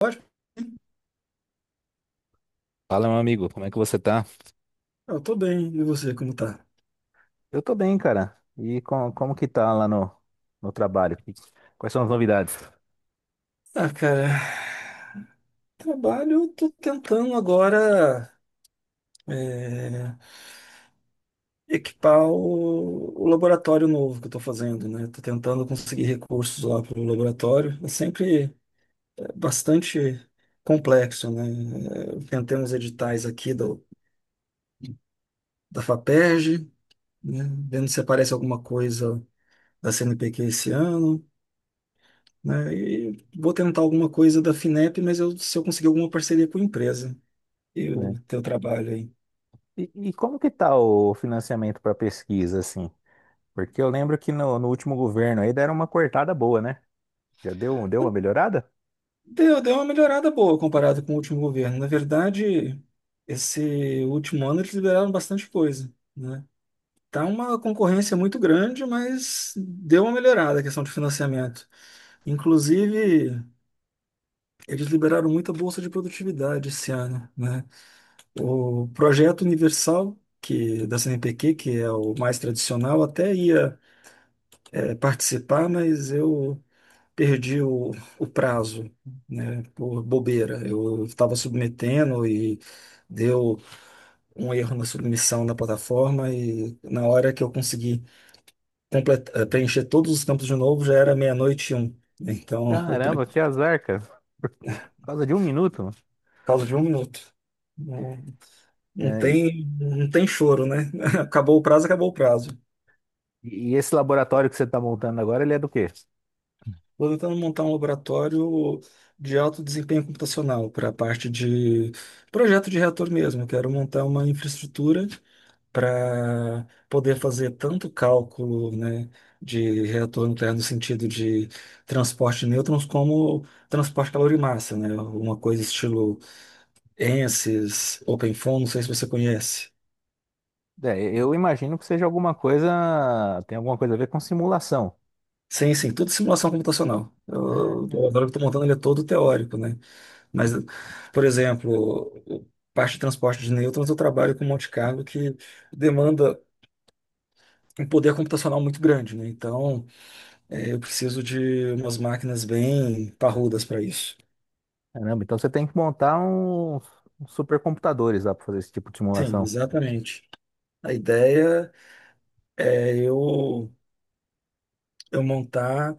Ótimo, Fala, meu amigo, como é que você tá? eu tô bem. E você, como tá? Eu tô bem, cara. Como que tá lá no trabalho? E quais são as novidades? Ah, cara, trabalho, eu tô tentando agora é, equipar o laboratório novo que eu tô fazendo, né? Tô tentando conseguir recursos lá pro laboratório. É sempre bastante complexo, né? Eu tentei uns editais aqui da FAPERJ, né? Vendo se aparece alguma coisa da CNPq esse ano, né? E vou tentar alguma coisa da FINEP, mas se eu conseguir alguma parceria com a empresa. E Né? o teu trabalho aí? E, como que tá o financiamento para pesquisa, assim? Porque eu lembro que no último governo aí deram uma cortada boa, né? Já deu uma melhorada? Deu, deu uma melhorada boa comparado com o último governo. Na verdade, esse último ano eles liberaram bastante coisa, né? Tá uma concorrência muito grande, mas deu uma melhorada a questão de financiamento. Inclusive, eles liberaram muita bolsa de produtividade esse ano, né? O projeto universal que da CNPq, que é o mais tradicional, até ia participar, mas eu perdi o prazo, né, por bobeira. Eu estava submetendo e deu um erro na submissão da plataforma e na hora que eu consegui preencher todos os campos de novo já era meia-noite e um. Né. Então, Caramba, por que azar, cara. Por causa de um minuto. causa de um minuto. Não, não É, e, tem, não tem choro, né? Acabou o prazo, acabou o prazo. e esse laboratório que você tá montando agora, ele é do quê? Estou tentando montar um laboratório de alto desempenho computacional para a parte de projeto de reator mesmo. Eu quero montar uma infraestrutura para poder fazer tanto cálculo, né, de reator nuclear no sentido de transporte de nêutrons como transporte calor-massa, né, uma coisa estilo ANSYS, OpenFOAM, não sei se você conhece. É, eu imagino que seja alguma coisa, tem alguma coisa a ver com simulação. Sim, sim, tudo simulação computacional. Eu, Ah, eu agora estou montando, ele é todo teórico, né? Mas, por exemplo, parte de transporte de nêutrons eu trabalho com um Monte Carlo que demanda um poder computacional muito grande, né? Então, eu preciso de umas máquinas bem parrudas para isso. caramba, então você tem que montar uns supercomputadores lá para fazer esse tipo de Sim, simulação. exatamente. A ideia é eu montar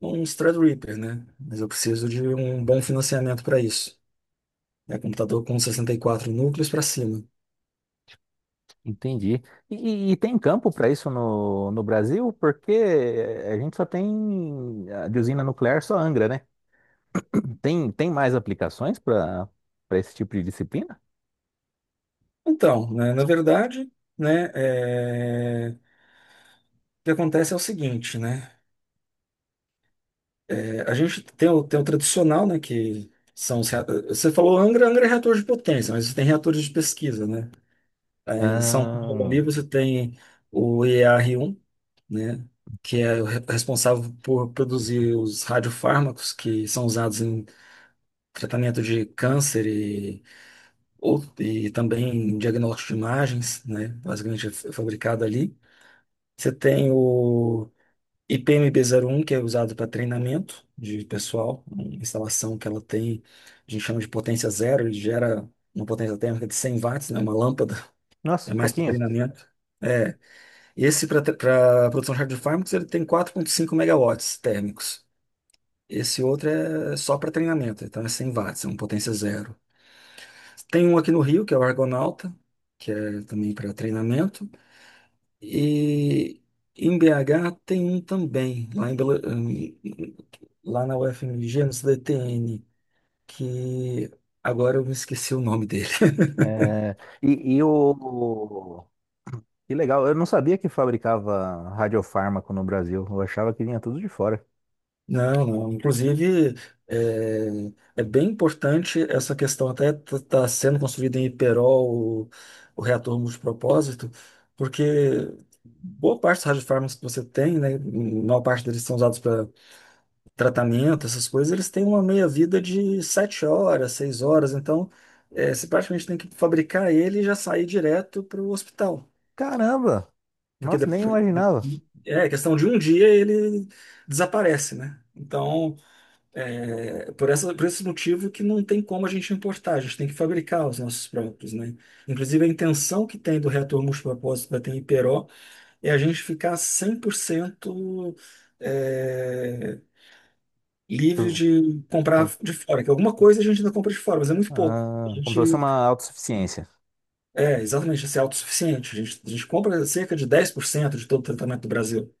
um Threadripper, né? Mas eu preciso de um bom financiamento para isso. É computador com 64 núcleos para cima. Entendi. E tem campo para isso no Brasil? Porque a gente só tem a de usina nuclear, só Angra, né? Tem mais aplicações para esse tipo de disciplina? Então, né, na verdade, né, o que acontece é o seguinte, né? É, a gente tem o tradicional, né, que você falou Angra. Angra é reator de potência, mas tem reatores de pesquisa, né? Em São Paulo Ah, ali você tem o EAR1, né, que é o responsável por produzir os radiofármacos que são usados em tratamento de câncer e também em diagnóstico de imagens, né, basicamente é fabricado ali. Você tem o IPMB01, que é usado para treinamento de pessoal, uma instalação que ela tem, a gente chama de potência zero, ele gera uma potência térmica de 100 watts, né, uma lâmpada, nossa, é mais para pouquinho. treinamento. É, Esse para produção de hardfármacos ele tem 4,5 megawatts térmicos. Esse outro é só para treinamento, então é 100 watts, é uma potência zero. Tem um aqui no Rio, que é o Argonauta, que é também para treinamento. E em BH tem um também, lá, lá na UFMG, no CDTN, que agora eu me esqueci o nome. É, e o. Que legal, eu não sabia que fabricava radiofármaco no Brasil. Eu achava que vinha tudo de fora. Não, não. Inclusive, é, é bem importante essa questão, até está sendo construído em Iperol o reator multipropósito, porque boa parte dos radiofármacos que você tem, né, maior parte deles são usados para tratamento, essas coisas, eles têm uma meia-vida de 7 horas, 6 horas, então você praticamente tem que fabricar ele e já sair direto para o hospital. Caramba! Porque Nossa, nem depois, imaginava. é questão de um dia ele desaparece, né? Então, é, por essa, por esse motivo que não tem como a gente importar, a gente tem que fabricar os nossos próprios, né? Inclusive, a intenção que tem do reator multipropósito da TMPRO é a gente ficar 100% é, livre Tu- de comprar de fora, que alguma coisa a gente ainda compra de fora, mas é muito pouco. A Ah, como se fosse gente uma autossuficiência. é exatamente assim, é autossuficiente. A gente compra cerca de 10% de todo o tratamento do Brasil.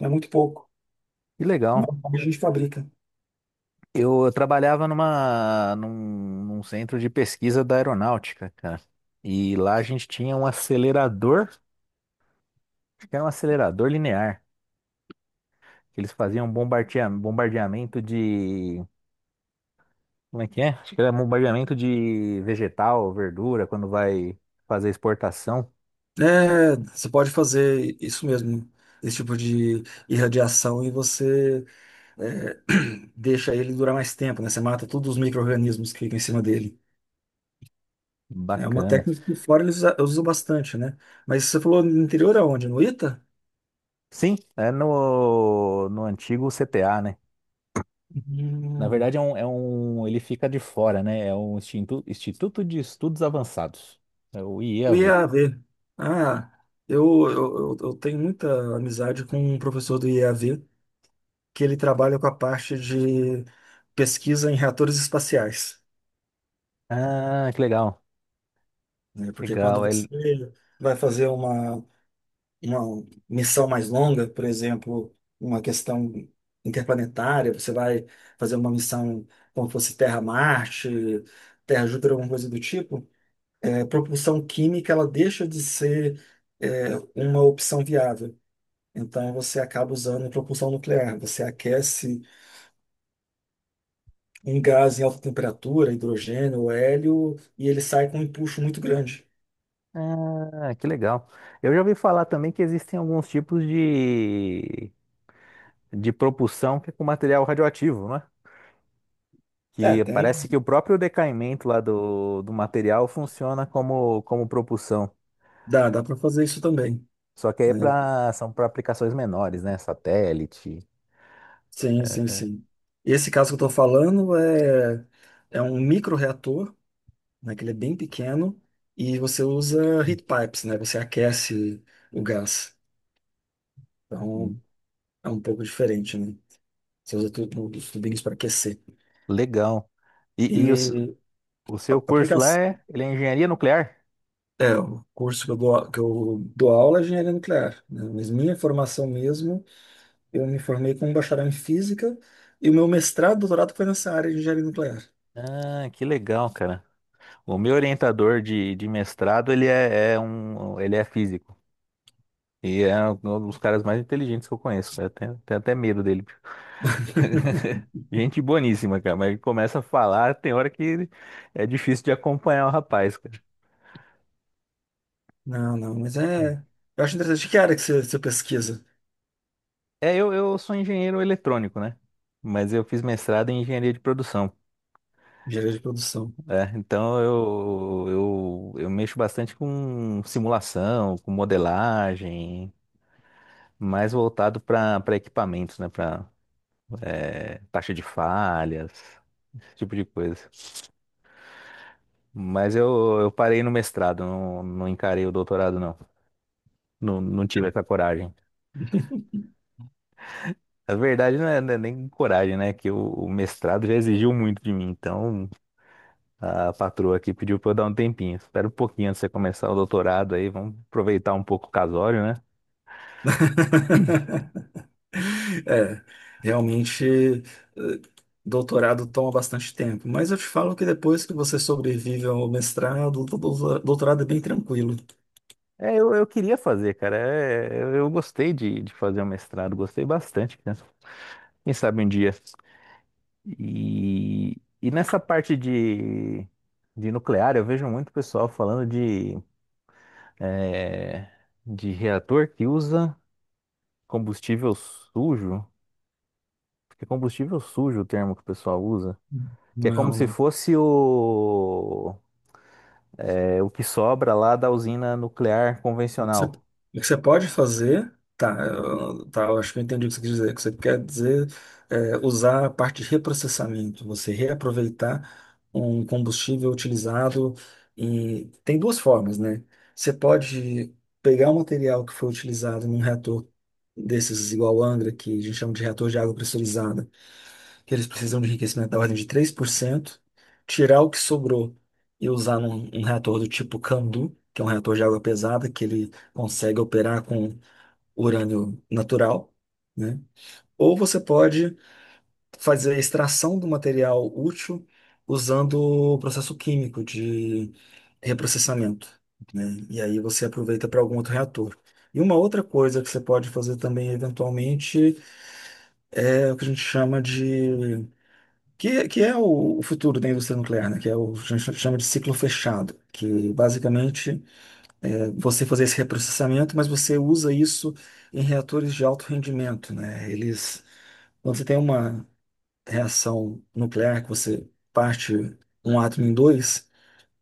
É muito pouco. Que legal. Normalmente a gente fabrica. Eu trabalhava num centro de pesquisa da aeronáutica, cara. E lá a gente tinha um acelerador. Era um acelerador linear. Que eles faziam bombardeamento de. Como é que é? Acho que era bombardeamento de vegetal, verdura, quando vai fazer exportação. É, você pode fazer isso mesmo, esse tipo de irradiação, e você é, deixa ele durar mais tempo, né? Você mata todos os micro-organismos que ficam em cima dele. É uma Bacana. técnica que fora eles usam bastante, né? Mas você falou no interior aonde? No Ita? Sim, é no antigo CTA, né? Na Hum, verdade, é um, ele fica de fora, né? É um Instituto de Estudos Avançados. É o o IEAV. IAV. Ah, eu, eu tenho muita amizade com um professor do IAV que ele trabalha com a parte de pesquisa em reatores espaciais, Ah, que legal. né? Porque quando Legal. Você vai fazer uma missão mais longa, por exemplo, uma questão interplanetária, você vai fazer uma missão como fosse Terra-Marte, Terra-Júpiter, alguma coisa do tipo, a propulsão química ela deixa de ser uma opção viável. Então você acaba usando propulsão nuclear. Você aquece um gás em alta temperatura, hidrogênio, hélio, e ele sai com um empuxo muito grande. Ah, que legal. Eu já ouvi falar também que existem alguns tipos de propulsão que é com material radioativo, né? É, Que tem. parece que o próprio decaimento lá do material funciona como, como propulsão. Dá para fazer isso também. Só que aí Né? São para aplicações menores, né? Satélite. Sim, sim, sim. Esse caso que eu estou falando é um microreator, né, que ele é bem pequeno, e você usa heat pipes, né? Você aquece o gás. Então, Uhum. é um pouco diferente, né? Você usa os tubinhos para aquecer. Legal. E, e o, s- E o seu a curso lá aplicação... é, ele é engenharia nuclear? É, o curso que eu dou, aula é engenharia nuclear, né? Mas minha formação mesmo, eu me formei com um bacharel em física, e o meu mestrado, doutorado foi nessa área de engenharia nuclear. Ah, que legal, cara. O meu orientador de mestrado, ele é físico. E é um dos caras mais inteligentes que eu conheço. Eu tenho até medo dele. Gente boníssima, cara, mas ele começa a falar, tem hora que é difícil de acompanhar o rapaz, cara. Não, não, mas é. Eu acho interessante que área que você pesquisa, É, eu sou engenheiro eletrônico, né? Mas eu fiz mestrado em engenharia de produção, engenharia de produção. né? Então eu mexo bastante com simulação, com modelagem, mais voltado para equipamentos, né? Para taxa de falhas, esse tipo de coisa. Mas eu parei no mestrado, não encarei o doutorado, não. Não, não tive essa coragem. A verdade não é, não é nem coragem, né? Que o mestrado já exigiu muito de mim. Então, a patroa aqui pediu pra eu dar um tempinho. Espera um pouquinho antes de você começar o doutorado aí. Vamos aproveitar um pouco o casório, né? É, realmente, doutorado toma bastante tempo, mas eu te falo que depois que você sobrevive ao mestrado, o doutorado é bem tranquilo. É, eu queria fazer, cara. É, eu gostei de fazer o mestrado. Gostei bastante, né? Quem sabe um dia. E nessa parte de nuclear, eu vejo muito pessoal falando de, é, de reator que usa combustível sujo. Porque combustível sujo, é o termo que o pessoal usa. Que é Não, é como um, se não. fosse o, é, o que sobra lá da usina nuclear O convencional. que você pode fazer, tá, eu acho que eu entendi o que você quer dizer. O que você quer dizer é usar a parte de reprocessamento, você reaproveitar um combustível utilizado, e tem duas formas, né? Você pode pegar o material que foi utilizado num reator desses igual Angra, que a gente chama de reator de água pressurizada, que eles precisam de enriquecimento da ordem de 3%, tirar o que sobrou e usar um reator do tipo Candu, que é um reator de água pesada, que ele consegue operar com urânio natural, né? Ou você pode fazer a extração do material útil usando o processo químico de reprocessamento, né? E aí você aproveita para algum outro reator. E uma outra coisa que você pode fazer também, eventualmente, é o que a gente chama de que é o futuro da indústria nuclear, né? Que é o que a gente chama de ciclo fechado, que basicamente é você fazer esse reprocessamento, mas você usa isso em reatores de alto rendimento, né? Eles, quando você tem uma reação nuclear que você parte um átomo em dois,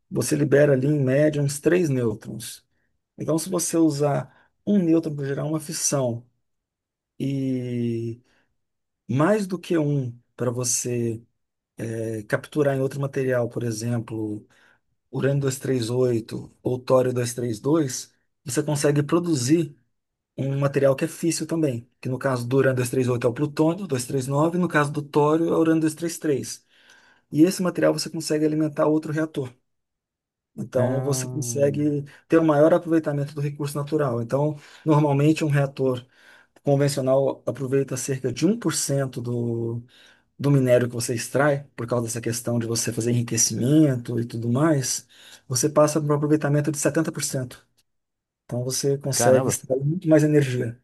você libera ali em média uns três nêutrons. Então, se você usar um nêutron para gerar uma fissão e mais do que um para você capturar em outro material, por exemplo urânio 238 ou tório 232, você consegue produzir um material que é físsil também, que no caso do urânio 238 é o plutônio 239, no caso do tório é o urânio 233. E trinta e três. E esse material você consegue alimentar outro reator. Então você Ahn, consegue ter o maior aproveitamento do recurso natural. Então, normalmente um reator convencional aproveita cerca de um por cento do minério que você extrai, por causa dessa questão de você fazer enriquecimento e tudo mais, você passa para um aproveitamento de 70%. Então você consegue caramba, extrair muito mais energia.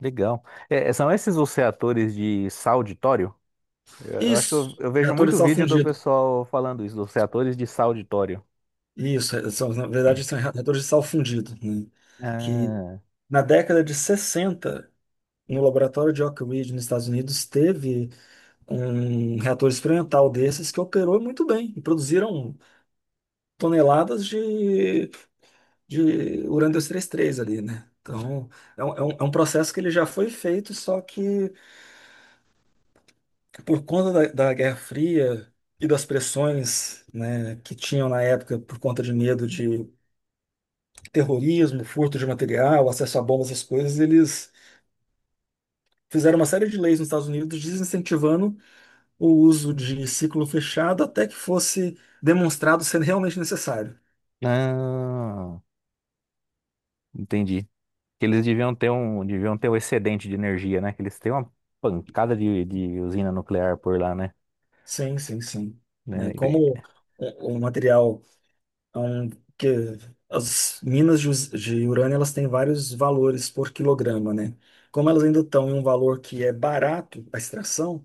legal. É, é, são esses os reatores de sal de tório? Eu acho que Isso, eu vejo reator de muito sal vídeo do fundido. pessoal falando isso, dos reatores de sal de tório. Isso, são, na verdade são reatores de sal fundido, né? Que Ah, na década de 60, no laboratório de Oak Ridge, nos Estados Unidos, teve um reator experimental desses que operou muito bem e produziram toneladas de Urano 233 ali, né? Então, é um processo que ele já foi feito, só que por conta da Guerra Fria e das pressões, né, que tinham na época por conta de medo de terrorismo, furto de material, acesso a bombas, essas coisas, eles fizeram uma série de leis nos Estados Unidos desincentivando o uso de ciclo fechado até que fosse demonstrado ser realmente necessário. ah, entendi. Que eles deviam ter um excedente de energia, né? Que eles têm uma pancada de usina nuclear por lá, né? Sim, sim, sim. Né? Né? Como o material... Então, que as minas de urânio, elas têm vários valores por quilograma, né? Como elas ainda estão em um valor que é barato a extração,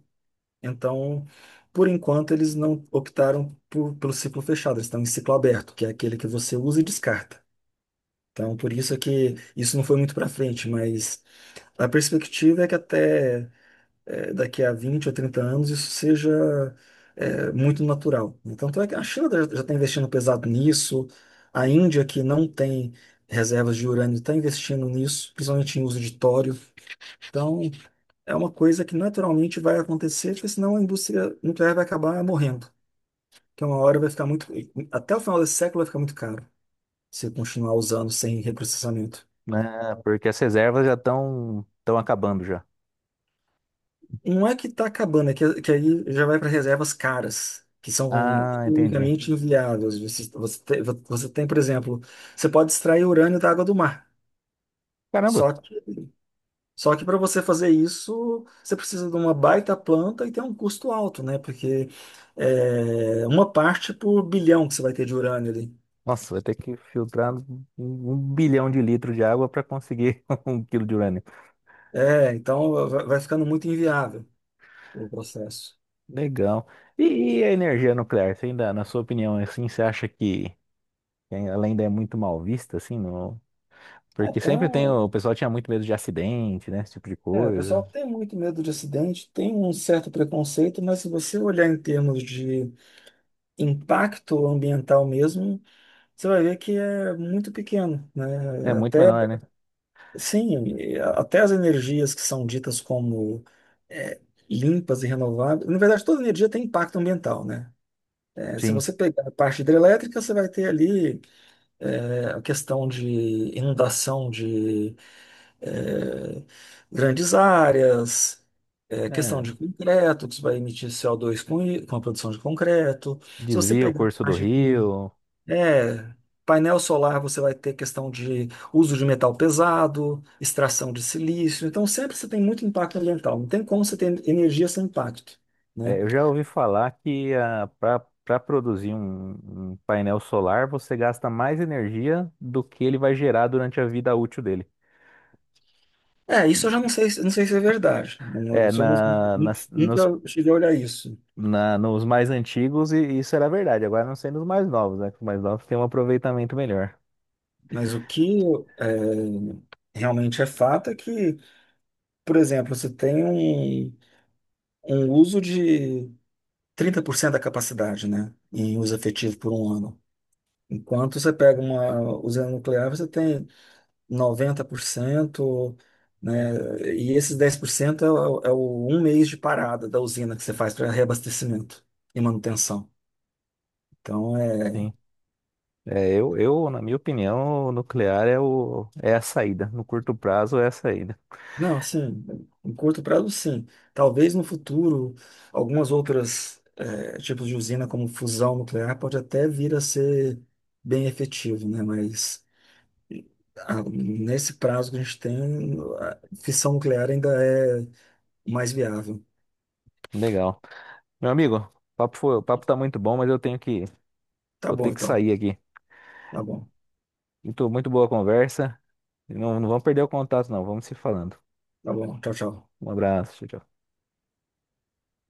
então, por enquanto, eles não optaram pelo ciclo fechado, eles estão em ciclo aberto, que é aquele que você usa e descarta. Então, por isso é que isso não foi muito para frente, mas a perspectiva é que até daqui a 20 ou 30 anos isso seja muito natural. Então, tanto é que a China já está investindo pesado nisso, a Índia, que não tem reservas de urânio, está investindo nisso, principalmente em uso de tório. Então, é uma coisa que naturalmente vai acontecer, porque senão a indústria nuclear vai acabar morrendo. Que uma hora vai ficar muito. Até o final desse século vai ficar muito caro se continuar usando sem reprocessamento. Ah, porque as reservas já estão acabando já. Não é que está acabando, é que aí já vai para reservas caras, que são Ah, entendi. unicamente inviáveis. Você tem, por exemplo, você pode extrair urânio da água do mar. Caramba. Só que, só que para você fazer isso, você precisa de uma baita planta e tem um custo alto, né? Porque é uma parte por bilhão que você vai ter de urânio ali. Nossa, vai ter que filtrar um bilhão de litros de água para conseguir um quilo de urânio. É, então vai ficando muito inviável o processo. Legal. E a energia nuclear? Você ainda, na sua opinião, assim, você acha que ela ainda é muito mal vista, assim, no... É, Porque tá, sempre tem, o pessoal tinha muito medo de acidente, né? Esse tipo de o pessoal coisa. tem muito medo de acidente, tem um certo preconceito, mas se você olhar em termos de impacto ambiental mesmo, você vai ver que é muito pequeno, É né? muito Até, menor, né? sim, até as energias que são ditas como é, limpas e renováveis, na verdade, toda energia tem impacto ambiental, né? Se Sim. você pegar a parte hidrelétrica, você vai ter ali a questão de inundação de é, grandes áreas, questão de É, concreto, que você vai emitir co dois com a produção de concreto. Se você desvia o pegar a curso do parte de rio. é, painel solar, você vai ter questão de uso de metal pesado, extração de silício. Então, sempre você tem muito impacto ambiental. Não tem como você ter energia sem impacto. Né? É, eu já ouvi falar que para produzir um painel solar você gasta mais energia do que ele vai gerar durante a vida útil dele. É, isso eu já não E, sei, não sei se é verdade. É, Isso eu não, na, nas- nos, nunca cheguei a olhar isso. na- nos mais antigos isso era verdade, agora não sei nos mais novos, né? Que os mais novos têm um aproveitamento melhor. Mas o que é, realmente é fato é que, por exemplo, você tem um uso de 30% da capacidade, né, em uso efetivo por um ano. Enquanto você pega uma usina nuclear, você tem 90%, né, e esses 10% é o um mês de parada da usina que você faz para reabastecimento e manutenção. Então, é. Sim. É, eu, na minha opinião, o nuclear é, o, é a saída. No curto prazo é a saída. Não, assim, em curto prazo, sim. Talvez no futuro, algumas outras tipos de usina, como fusão nuclear, pode até vir a ser bem efetivo, né? Mas nesse prazo que a gente tem, a fissão nuclear ainda é mais viável. Legal. Meu amigo, o papo tá muito bom, mas eu tenho que, Tá vou ter bom, que então. sair aqui. Tá bom. Muito, muito boa a conversa. Não, não vamos perder o contato, não. Vamos se falando. Tá bom. Tchau, tchau. Um abraço, tchau. Tchau.